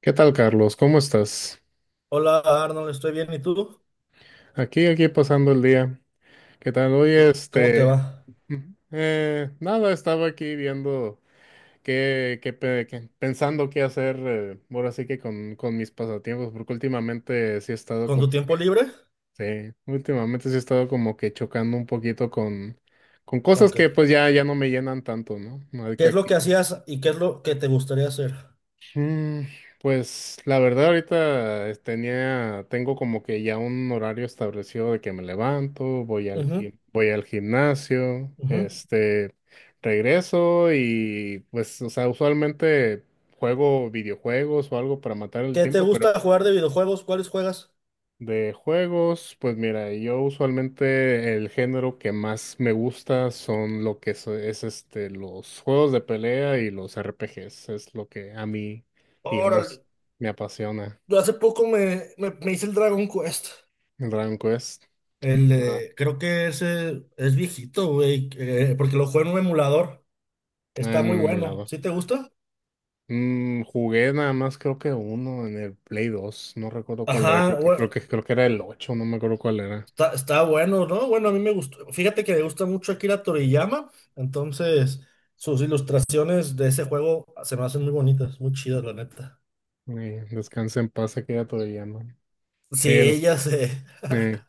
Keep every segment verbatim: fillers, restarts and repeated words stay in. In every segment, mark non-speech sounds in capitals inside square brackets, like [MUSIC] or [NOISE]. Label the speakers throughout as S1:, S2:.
S1: ¿Qué tal, Carlos? ¿Cómo estás?
S2: Hola Arnold, estoy bien. ¿Y tú?
S1: Aquí, aquí pasando el día. ¿Qué tal?
S2: C-
S1: Oye,
S2: ¿Cómo te
S1: este,
S2: va?
S1: mm, eh, nada, estaba aquí viendo qué, qué, pe- qué- pensando qué hacer, eh, ahora sí que con, con mis pasatiempos, porque últimamente sí he estado
S2: ¿Con
S1: como,
S2: tu tiempo libre?
S1: sí, últimamente sí he estado como que chocando un poquito con, con
S2: ¿Con
S1: cosas
S2: qué?
S1: que pues ya, ya no me llenan tanto, ¿no?
S2: ¿Qué es lo que hacías y qué es lo que te gustaría hacer?
S1: Mm, pues la verdad ahorita es- tenía, tengo como que ya un horario establecido de que me levanto, voy al
S2: Ujú,
S1: gim- voy al gimnasio,
S2: ujú.
S1: este, regreso y pues, o sea, usualmente juego videojuegos o algo para matar el
S2: ¿Qué te
S1: tiempo.
S2: gusta jugar de videojuegos? ¿Cuáles juegas?
S1: De juegos, pues mira, yo usualmente el género que más me gusta son lo que es, es, este los juegos de pelea y los R P Gs, es lo que a mí, digamos,
S2: Órale,
S1: me apasiona.
S2: yo hace poco me, me, me hice el Dragon Quest.
S1: El Dragon Quest.
S2: El,
S1: Ah,
S2: eh, creo que ese es viejito, güey, eh, porque lo juego en un emulador.
S1: ah,
S2: Está
S1: en
S2: muy
S1: el
S2: bueno.
S1: emulador.
S2: ¿Sí te gusta?
S1: Mm, jugué nada más creo que uno en el Play dos, no recuerdo cuál era, creo
S2: Ajá,
S1: que
S2: bueno.
S1: creo que creo que era el ocho, no me acuerdo cuál era.
S2: Está, está bueno, ¿no? Bueno, a mí me gustó. Fíjate que me gusta mucho Akira Toriyama, entonces sus ilustraciones de ese juego se me hacen muy bonitas, muy chidas, la neta.
S1: Eh, descansa en paz aquella todavía, ¿no?
S2: Sí,
S1: El,
S2: ella se.
S1: eh,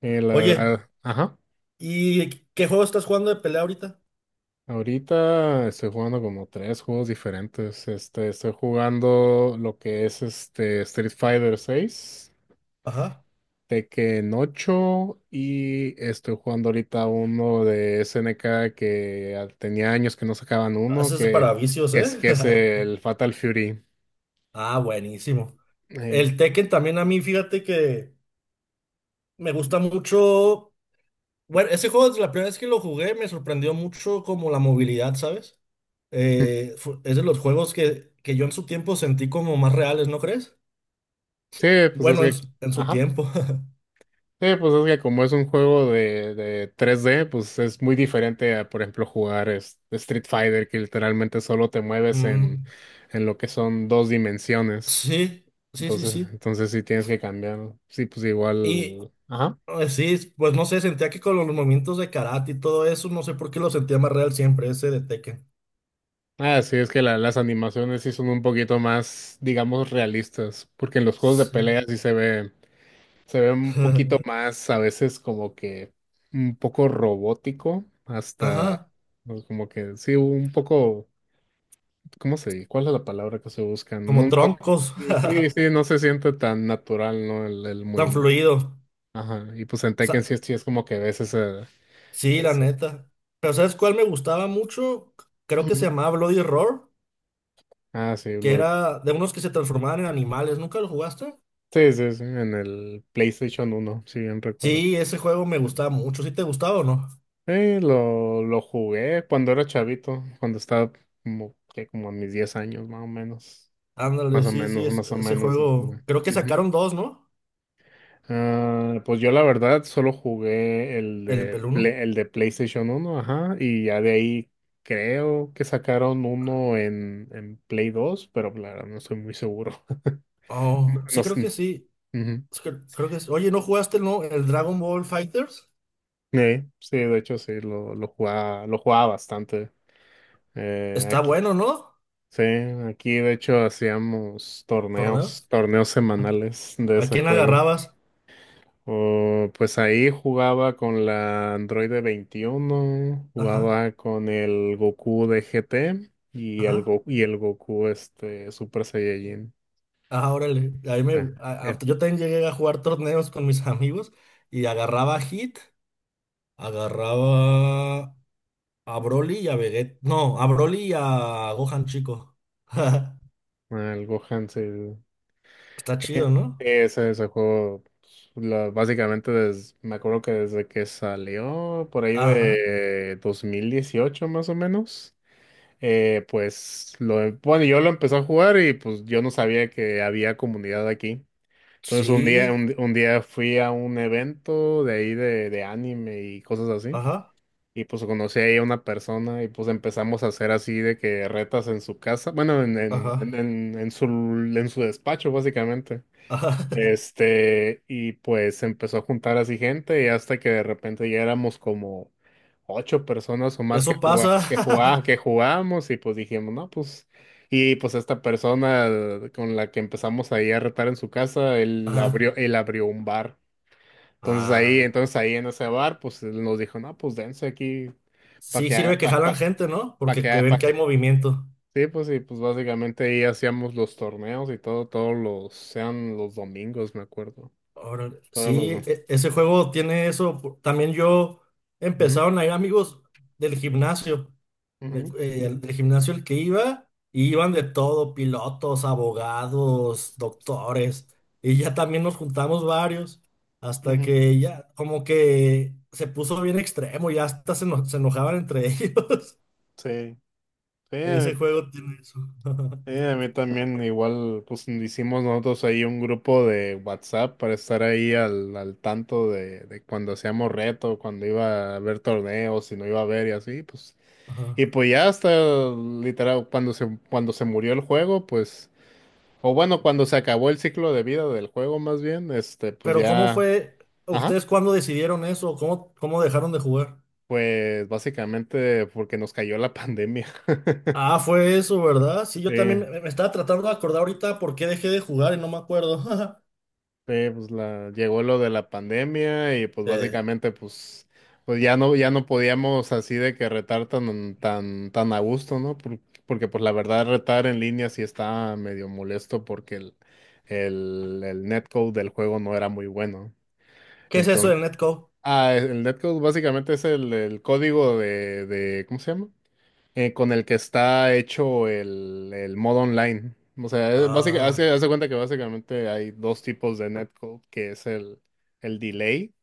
S1: eh, la
S2: Oye,
S1: verdad, ajá.
S2: ¿y qué juego estás jugando de pelea ahorita?
S1: Ahorita estoy jugando como tres juegos diferentes. Este, estoy jugando lo que es este Street Fighter seis,
S2: Ajá.
S1: Tekken ocho y estoy jugando ahorita uno de S N K que ah, tenía años que no sacaban uno,
S2: Eso es
S1: que
S2: para vicios, ¿eh?
S1: es que es
S2: [LAUGHS]
S1: el Fatal Fury.
S2: Ah, buenísimo.
S1: Ey.
S2: El Tekken también a mí, fíjate que me gusta mucho. Bueno, ese juego, desde la primera vez que lo jugué, me sorprendió mucho como la movilidad, ¿sabes? Eh, fu- es de los juegos que, que yo en su tiempo sentí como más reales, ¿no crees?
S1: Sí, pues es
S2: Bueno, en,
S1: que,
S2: su- en su
S1: ajá.
S2: tiempo. [LAUGHS]
S1: Sí, pues es que como es un juego de, de tres d, pues es muy diferente a, por ejemplo, jugar es- Street Fighter, que literalmente solo te mueves en,
S2: Mm,
S1: en lo que son dos dimensiones.
S2: sí, sí, sí,
S1: Entonces,
S2: sí.
S1: entonces sí tienes que cambiar, ¿no? Sí, pues
S2: Y
S1: igual. Ajá.
S2: eh, sí, pues no sé, sentía que con los movimientos de karate y todo eso, no sé por qué lo sentía más real siempre, ese de Tekken.
S1: Ah, sí, es que la- las animaciones sí son un poquito más, digamos, realistas, porque en los juegos de
S2: Sí.
S1: pelea sí se ve, se ve un poquito
S2: [LAUGHS]
S1: más, a veces como que un poco robótico, hasta
S2: Ajá,
S1: pues, como que sí, un poco. ¿Cómo se? ¿Cuál es la palabra que se busca? No,
S2: como
S1: no,
S2: troncos,
S1: sí, sí,
S2: [LAUGHS]
S1: sí, no se siente tan natural, ¿no? El, el
S2: tan
S1: movimiento.
S2: fluido.
S1: Ajá. Y pues en Tekken
S2: Sa-
S1: sí, es sí es como que ves ese,
S2: sí, la
S1: ese.
S2: neta. Pero ¿sabes cuál me gustaba mucho? Creo que se
S1: Ujú.
S2: llamaba Bloody Roar,
S1: Ah, sí,
S2: que
S1: lo,
S2: era de unos que se transformaban en animales. ¿Nunca lo jugaste?
S1: sí, sí, sí, en el PlayStation uno, si bien recuerdo.
S2: Sí, ese juego me gustaba mucho. ¿Sí te gustaba o no?
S1: Eh, lo, lo jugué cuando era chavito, cuando estaba como, que como a mis diez años, más o menos.
S2: Ándale,
S1: Más o
S2: sí, sí,
S1: menos,
S2: es-
S1: más o
S2: ese
S1: menos lo
S2: juego.
S1: jugué.
S2: Creo que
S1: Ujú.
S2: sacaron dos, ¿no?
S1: Ah, pues yo la verdad solo jugué el
S2: El
S1: de, Play-
S2: peluno.
S1: el de PlayStation uno, ajá, y ya de ahí creo que sacaron uno en, en Play dos, pero la verdad no estoy muy seguro. [LAUGHS] No,
S2: Oh, sí,
S1: no
S2: creo
S1: sé,
S2: que
S1: no.
S2: sí.
S1: Ujú.
S2: Es que- Creo que sí. Oye, ¿no jugaste, no? El Dragon Ball Fighters.
S1: Eh, sí, de hecho sí, lo, lo jugaba, lo jugaba bastante eh,
S2: Está
S1: aquí.
S2: bueno, ¿no?
S1: Sí, aquí de hecho hacíamos
S2: Torneo.
S1: torneos, torneos semanales de
S2: ¿A
S1: ese
S2: quién
S1: juego.
S2: agarrabas?
S1: Oh, pues ahí jugaba con la Android veintiuno,
S2: Ajá,
S1: jugaba con el Goku de G T y el,
S2: ajá.
S1: Go- y el Goku este, Super Saiyajin.
S2: Ah, órale. A mí
S1: Era,
S2: me- a- a-
S1: era,
S2: Yo también llegué a jugar torneos con mis [LAUGHS] amigos y agarraba a Hit, agarraba a Broly y a Vegeta. No, a Broly y a Gohan Chico. [LAUGHS]
S1: ah, el Gohan, sí.
S2: Está chido, ¿no?
S1: Ese, ese juego, pues, la- básicamente des- me acuerdo que desde que salió, por ahí
S2: Ajá.
S1: de dos mil dieciocho, más o menos, eh, pues lo, bueno, yo lo empecé a jugar y pues yo no sabía que había comunidad aquí. Entonces un día,
S2: Sí.
S1: un, un día fui a un evento de ahí de, de anime y cosas así.
S2: Ajá.
S1: Y pues conocí ahí a una persona y pues empezamos a hacer así de que retas en su casa, bueno, en, en, en,
S2: Ajá.
S1: en en su, en su despacho básicamente.
S2: Ajá.
S1: Este, y pues empezó a juntar así gente y hasta que de repente ya éramos como ocho personas o
S2: [LAUGHS]
S1: más que
S2: Eso
S1: jugá-
S2: pasa.
S1: que jugá- que
S2: [LAUGHS]
S1: jugábamos y pues dijimos, no, pues, y pues esta persona con la que empezamos ahí a retar en su casa, él abrió,
S2: Ajá.
S1: él abrió un bar. Entonces ahí,
S2: Ah.
S1: entonces ahí en ese bar, pues él nos dijo, no, pues dense aquí para
S2: Sí,
S1: que haga,
S2: sirve que
S1: para pa,
S2: jalan
S1: pa
S2: gente, ¿no?
S1: pa que
S2: Porque que
S1: haga, pa
S2: ven que
S1: que.
S2: hay movimiento.
S1: Sí, pues y pues básicamente ahí hacíamos los torneos y todo, todos los, sean los domingos, me acuerdo.
S2: Órale.
S1: Todos
S2: Sí,
S1: los,
S2: e- ese juego tiene eso. También yo
S1: Ujú,
S2: empezaron a ir amigos del gimnasio. de-
S1: ujú,
S2: eh, al- Del gimnasio al que iba, y iban de todo, pilotos, abogados, doctores, y ya también nos juntamos varios, hasta
S1: ujú.
S2: que ya como que se puso bien extremo, ya hasta se, eno- se enojaban entre [LAUGHS] ellos.
S1: Sí, sí, a
S2: Ese
S1: mí
S2: juego tiene eso.
S1: sí,
S2: [LAUGHS]
S1: a mí también igual, pues hicimos nosotros ahí un grupo de WhatsApp para estar ahí al, al tanto de, de cuando hacíamos reto, cuando iba a haber torneos, si no iba a haber y así, pues.
S2: Ajá.
S1: Y pues ya hasta literal, cuando se, cuando se murió el juego, pues, o bueno, cuando se acabó el ciclo de vida del juego más bien, este, pues
S2: Pero ¿cómo
S1: ya,
S2: fue?
S1: ajá,
S2: ¿Ustedes cuándo decidieron eso? ¿Cómo, cómo dejaron de jugar?
S1: pues básicamente porque nos cayó la pandemia. [LAUGHS]
S2: Ah, fue eso, ¿verdad? Sí, yo
S1: Sí,
S2: también me me estaba tratando de acordar ahorita por qué dejé de jugar y no me acuerdo. [LAUGHS]
S1: sí, pues la, llegó lo de la pandemia y pues
S2: Eh,
S1: básicamente pues, pues ya no, ya no podíamos así de que retar tan, tan, tan a gusto, ¿no? Por- porque pues la verdad retar en línea sí estaba medio molesto, porque el, el, el netcode del juego no era muy bueno.
S2: ¿Qué es eso
S1: Entonces,
S2: del netcode?
S1: ah, el netcode básicamente es el, el código de, de, ¿cómo se llama? eh, con el que está hecho el, el modo online. O sea, es básica- hace,
S2: Ah,
S1: hace cuenta que básicamente hay dos tipos de netcode, que es el, el delay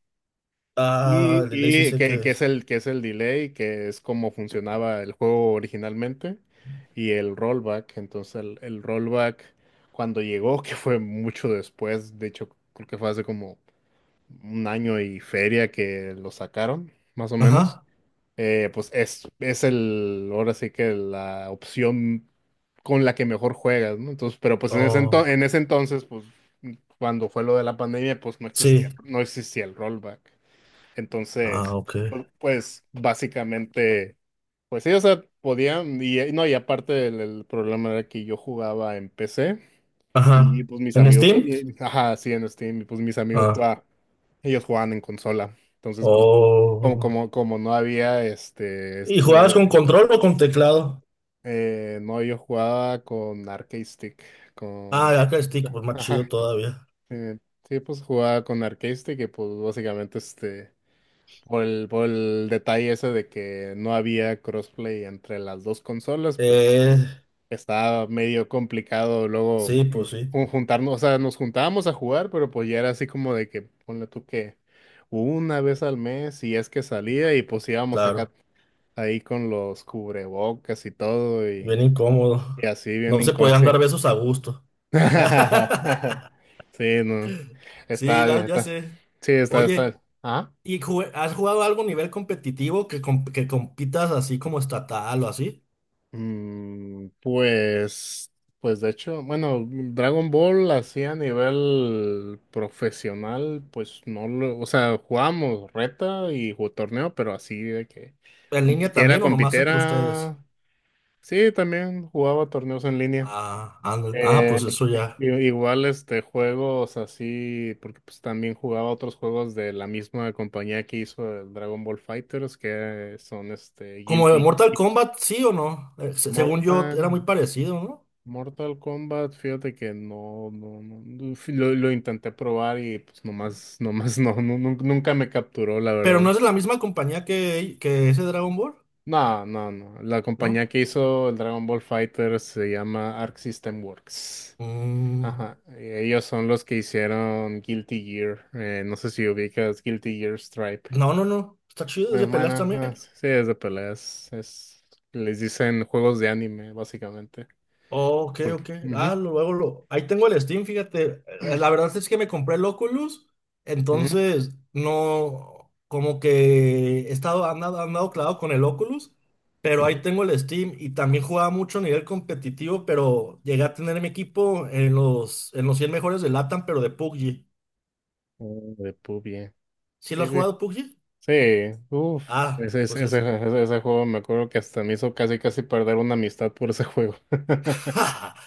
S2: ah,
S1: y,
S2: el delay sí
S1: y
S2: sé qué
S1: que, que es
S2: es.
S1: el, que es el delay, que es como funcionaba el juego originalmente, y el rollback. Entonces el, el rollback cuando llegó, [LAUGHS] que fue mucho después, de hecho creo que fue hace como un año y feria que lo sacaron, más o menos.
S2: Ajá.
S1: Eh, pues es, es el, ahora sí que la opción con la que mejor juegas, ¿no? Entonces, pero pues en ese ento-
S2: Oh,
S1: en ese entonces, pues cuando fue lo de la pandemia, pues no
S2: sí.
S1: existía, no existía el rollback. Entonces,
S2: Ah, ok.
S1: pu- pues básicamente, pues sí, o sea, podían, y eh, no, y aparte el, el problema era que yo jugaba en P C y
S2: Ajá.
S1: pues mis
S2: ¿En
S1: amigos, ju-
S2: Steam?
S1: y- ajá, sí, en Steam, y pues mis amigos
S2: Ah,
S1: jugaban, ellos jugaban en consola. Entonces, pues como,
S2: oh.
S1: como, como no había este,
S2: ¿Y
S1: esto
S2: jugabas
S1: de-
S2: con control o con teclado?
S1: eh, no, yo jugaba con Arcade Stick,
S2: Ah,
S1: con,
S2: ya que stick, pues más chido
S1: ajá,
S2: todavía.
S1: eh, sí, pues jugaba con Arcade Stick y pues básicamente este, por el, por el detalle ese de que no había crossplay entre las dos consolas, pues
S2: Eh,
S1: estaba medio complicado luego
S2: sí,
S1: mm,
S2: pues sí,
S1: jun- juntarnos, o sea, nos juntábamos a jugar, pero pues ya era así como de que, ponle tú que una vez al mes, si es que salía, y pues íbamos acá
S2: claro.
S1: ahí con los cubrebocas y todo, y,
S2: Bien
S1: y
S2: incómodo.
S1: así bien
S2: No se podían dar
S1: inconsciente.
S2: besos a gusto.
S1: [LAUGHS]
S2: [LAUGHS]
S1: Sí, no.
S2: Sí,
S1: Está bien,
S2: la- ya
S1: está.
S2: sé.
S1: Sí, está,
S2: Oye,
S1: está. Ah.
S2: ¿y jue- has jugado algo a nivel competitivo que, comp- que compitas así como estatal o así?
S1: Mm, pues, pues de hecho, bueno, Dragon Ball así a nivel profesional, pues no lo, o sea, jugábamos reta y ju- torneo, pero así de que
S2: ¿En línea
S1: compitiera,
S2: también o nomás entre ustedes?
S1: compitiera. Sí, también jugaba torneos en línea.
S2: Ah, ah, no, ah,
S1: Eh,
S2: pues eso
S1: i-
S2: ya.
S1: Igual este juegos así, porque pues también jugaba otros juegos de la misma compañía que hizo el Dragon Ball Fighters, que son este
S2: Como de
S1: Guilty.
S2: Mortal Kombat, sí o no. Eh, se- según yo, era muy
S1: Mortal,
S2: parecido, ¿no?
S1: Mortal Kombat, fíjate que no, no, no, no, fi- lo, lo intenté probar y pues nomás, [LAUGHS] nomás no, no, nun- nunca me capturó, la
S2: Pero
S1: verdad.
S2: no es de la misma compañía que, que ese Dragon Ball,
S1: No, no, no. La compañía
S2: ¿no?
S1: que hizo el Dragon Ball Fighter se llama Arc System Works.
S2: Mm,
S1: Ajá, eh, ellos son los que hicieron Guilty Gear. Eh, no sé si ubicas Guilty Gear Stripe.
S2: no, no, no. Está chido, es
S1: Eh,
S2: de
S1: Bueno,
S2: peleas
S1: ah,
S2: también.
S1: sí, sí, es de peleas. Es, les dicen juegos de anime, básicamente.
S2: Ok,
S1: Porque,
S2: ok. Ah,
S1: ujú,
S2: lo- luego lo. Ahí tengo el Steam, fíjate. Eh, La verdad es que me compré el Oculus,
S1: ujú,
S2: entonces no. Como que he estado andado, andado clavado con el Oculus, pero ahí
S1: ujú.
S2: tengo el Steam y también jugaba mucho a nivel competitivo, pero llegué a tener mi equipo en los, en los, cien mejores de LATAM, pero de P U B G.
S1: Oh, de P U B G.
S2: ¿Sí lo
S1: Sí,
S2: has
S1: güey.
S2: jugado P U B G?
S1: Sí, uff.
S2: Ah,
S1: Ese,
S2: pues
S1: ese, ese,
S2: ese.
S1: ese- ese juego, me acuerdo que hasta me hizo casi casi perder una amistad por ese juego. [LAUGHS]
S2: [LAUGHS]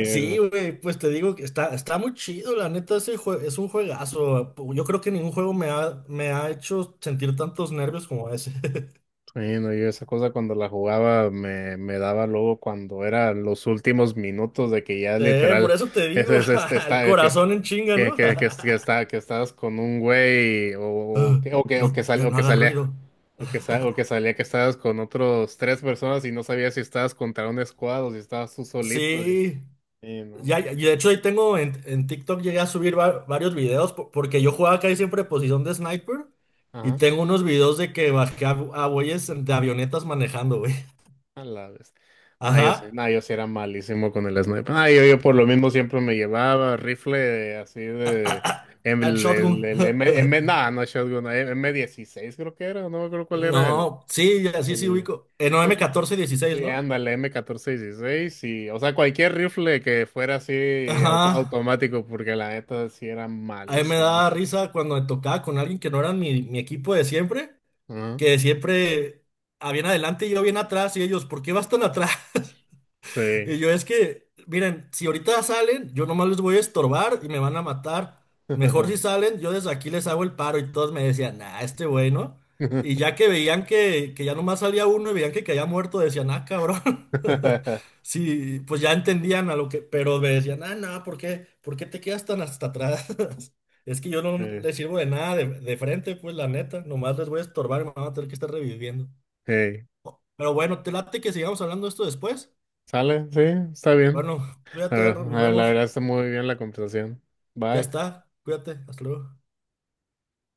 S2: Sí, güey, pues te digo que está, está muy chido, la neta, ese jue- es un juegazo. Yo creo que ningún juego me ha, me ha hecho sentir tantos nervios como ese. [LAUGHS]
S1: Bueno, yo esa cosa, cuando la jugaba me, me daba luego cuando eran los últimos minutos de que ya
S2: Eh, por
S1: literal
S2: eso te
S1: es,
S2: digo,
S1: es- este
S2: [LAUGHS] el
S1: está eh, que es-
S2: corazón en chinga,
S1: que,
S2: ¿no? [LAUGHS]
S1: que, que, es- que
S2: Ah,
S1: está que estabas con un güey, o, o que o que o
S2: no,
S1: que sale
S2: eh,
S1: o
S2: no
S1: que
S2: haga
S1: salía
S2: ruido.
S1: o que sa- o que
S2: [LAUGHS]
S1: salía que estabas con otros tres personas y no sabías si estabas contra un squad o si estabas tú solito.
S2: Sí,
S1: Y, y no.
S2: ya, ya- y de hecho ahí tengo en, en TikTok llegué a subir va- varios videos po- porque yo jugaba casi siempre posición de sniper y
S1: Ajá.
S2: tengo unos videos de que bajé a, a güeyes de avionetas manejando, güey.
S1: A la vez.
S2: [LAUGHS]
S1: No, yo sí,
S2: Ajá.
S1: no, yo sí era malísimo con el sniper. No, yo, yo por lo mismo siempre me llevaba rifle así de. Em-
S2: Al
S1: El, el,
S2: Shotgun.
S1: el M, M, nah,
S2: [LAUGHS]
S1: no, shotgun, eh, m dieciséis creo que era, no me acuerdo cuál era el.
S2: No, sí, ya sí, sí
S1: el
S2: ubico. En m catorce dieciséis,
S1: sí,
S2: ¿no?
S1: ándale, m catorce dieciséis y. O sea, cualquier rifle que fuera así
S2: Ajá.
S1: auto- automático porque la neta sí era
S2: A mí me
S1: malísimo.
S2: da risa cuando me tocaba con alguien que no era mi, mi equipo de siempre,
S1: Ajá,
S2: que siempre, a bien adelante y yo bien atrás, y ellos, ¿por qué vas tan atrás?
S1: sí.
S2: Y yo es que, miren, si ahorita salen, yo nomás les voy a estorbar y me van a matar. Mejor
S1: [LAUGHS]
S2: si salen, yo desde aquí les hago el paro y todos me decían, nah, este güey, ¿no? Y ya que veían que, que ya nomás salía uno y veían que caía muerto, decían, ah, cabrón. [LAUGHS] Sí, pues ya entendían a lo que, pero me decían, ah, no, ¿por qué? ¿Por qué te quedas tan hasta atrás? [LAUGHS] Es que yo no
S1: Sí.
S2: les sirvo de nada de, de frente, pues la neta, nomás les voy a estorbar y me van a tener que estar reviviendo.
S1: Hey,
S2: Pero bueno, te late que sigamos hablando de esto después.
S1: ¿sale? Sí, está bien.
S2: Bueno,
S1: La
S2: cuídate, nos
S1: verdad, la
S2: vemos.
S1: verdad está muy bien la conversación.
S2: Ya
S1: Bye.
S2: está, cuídate, hasta luego.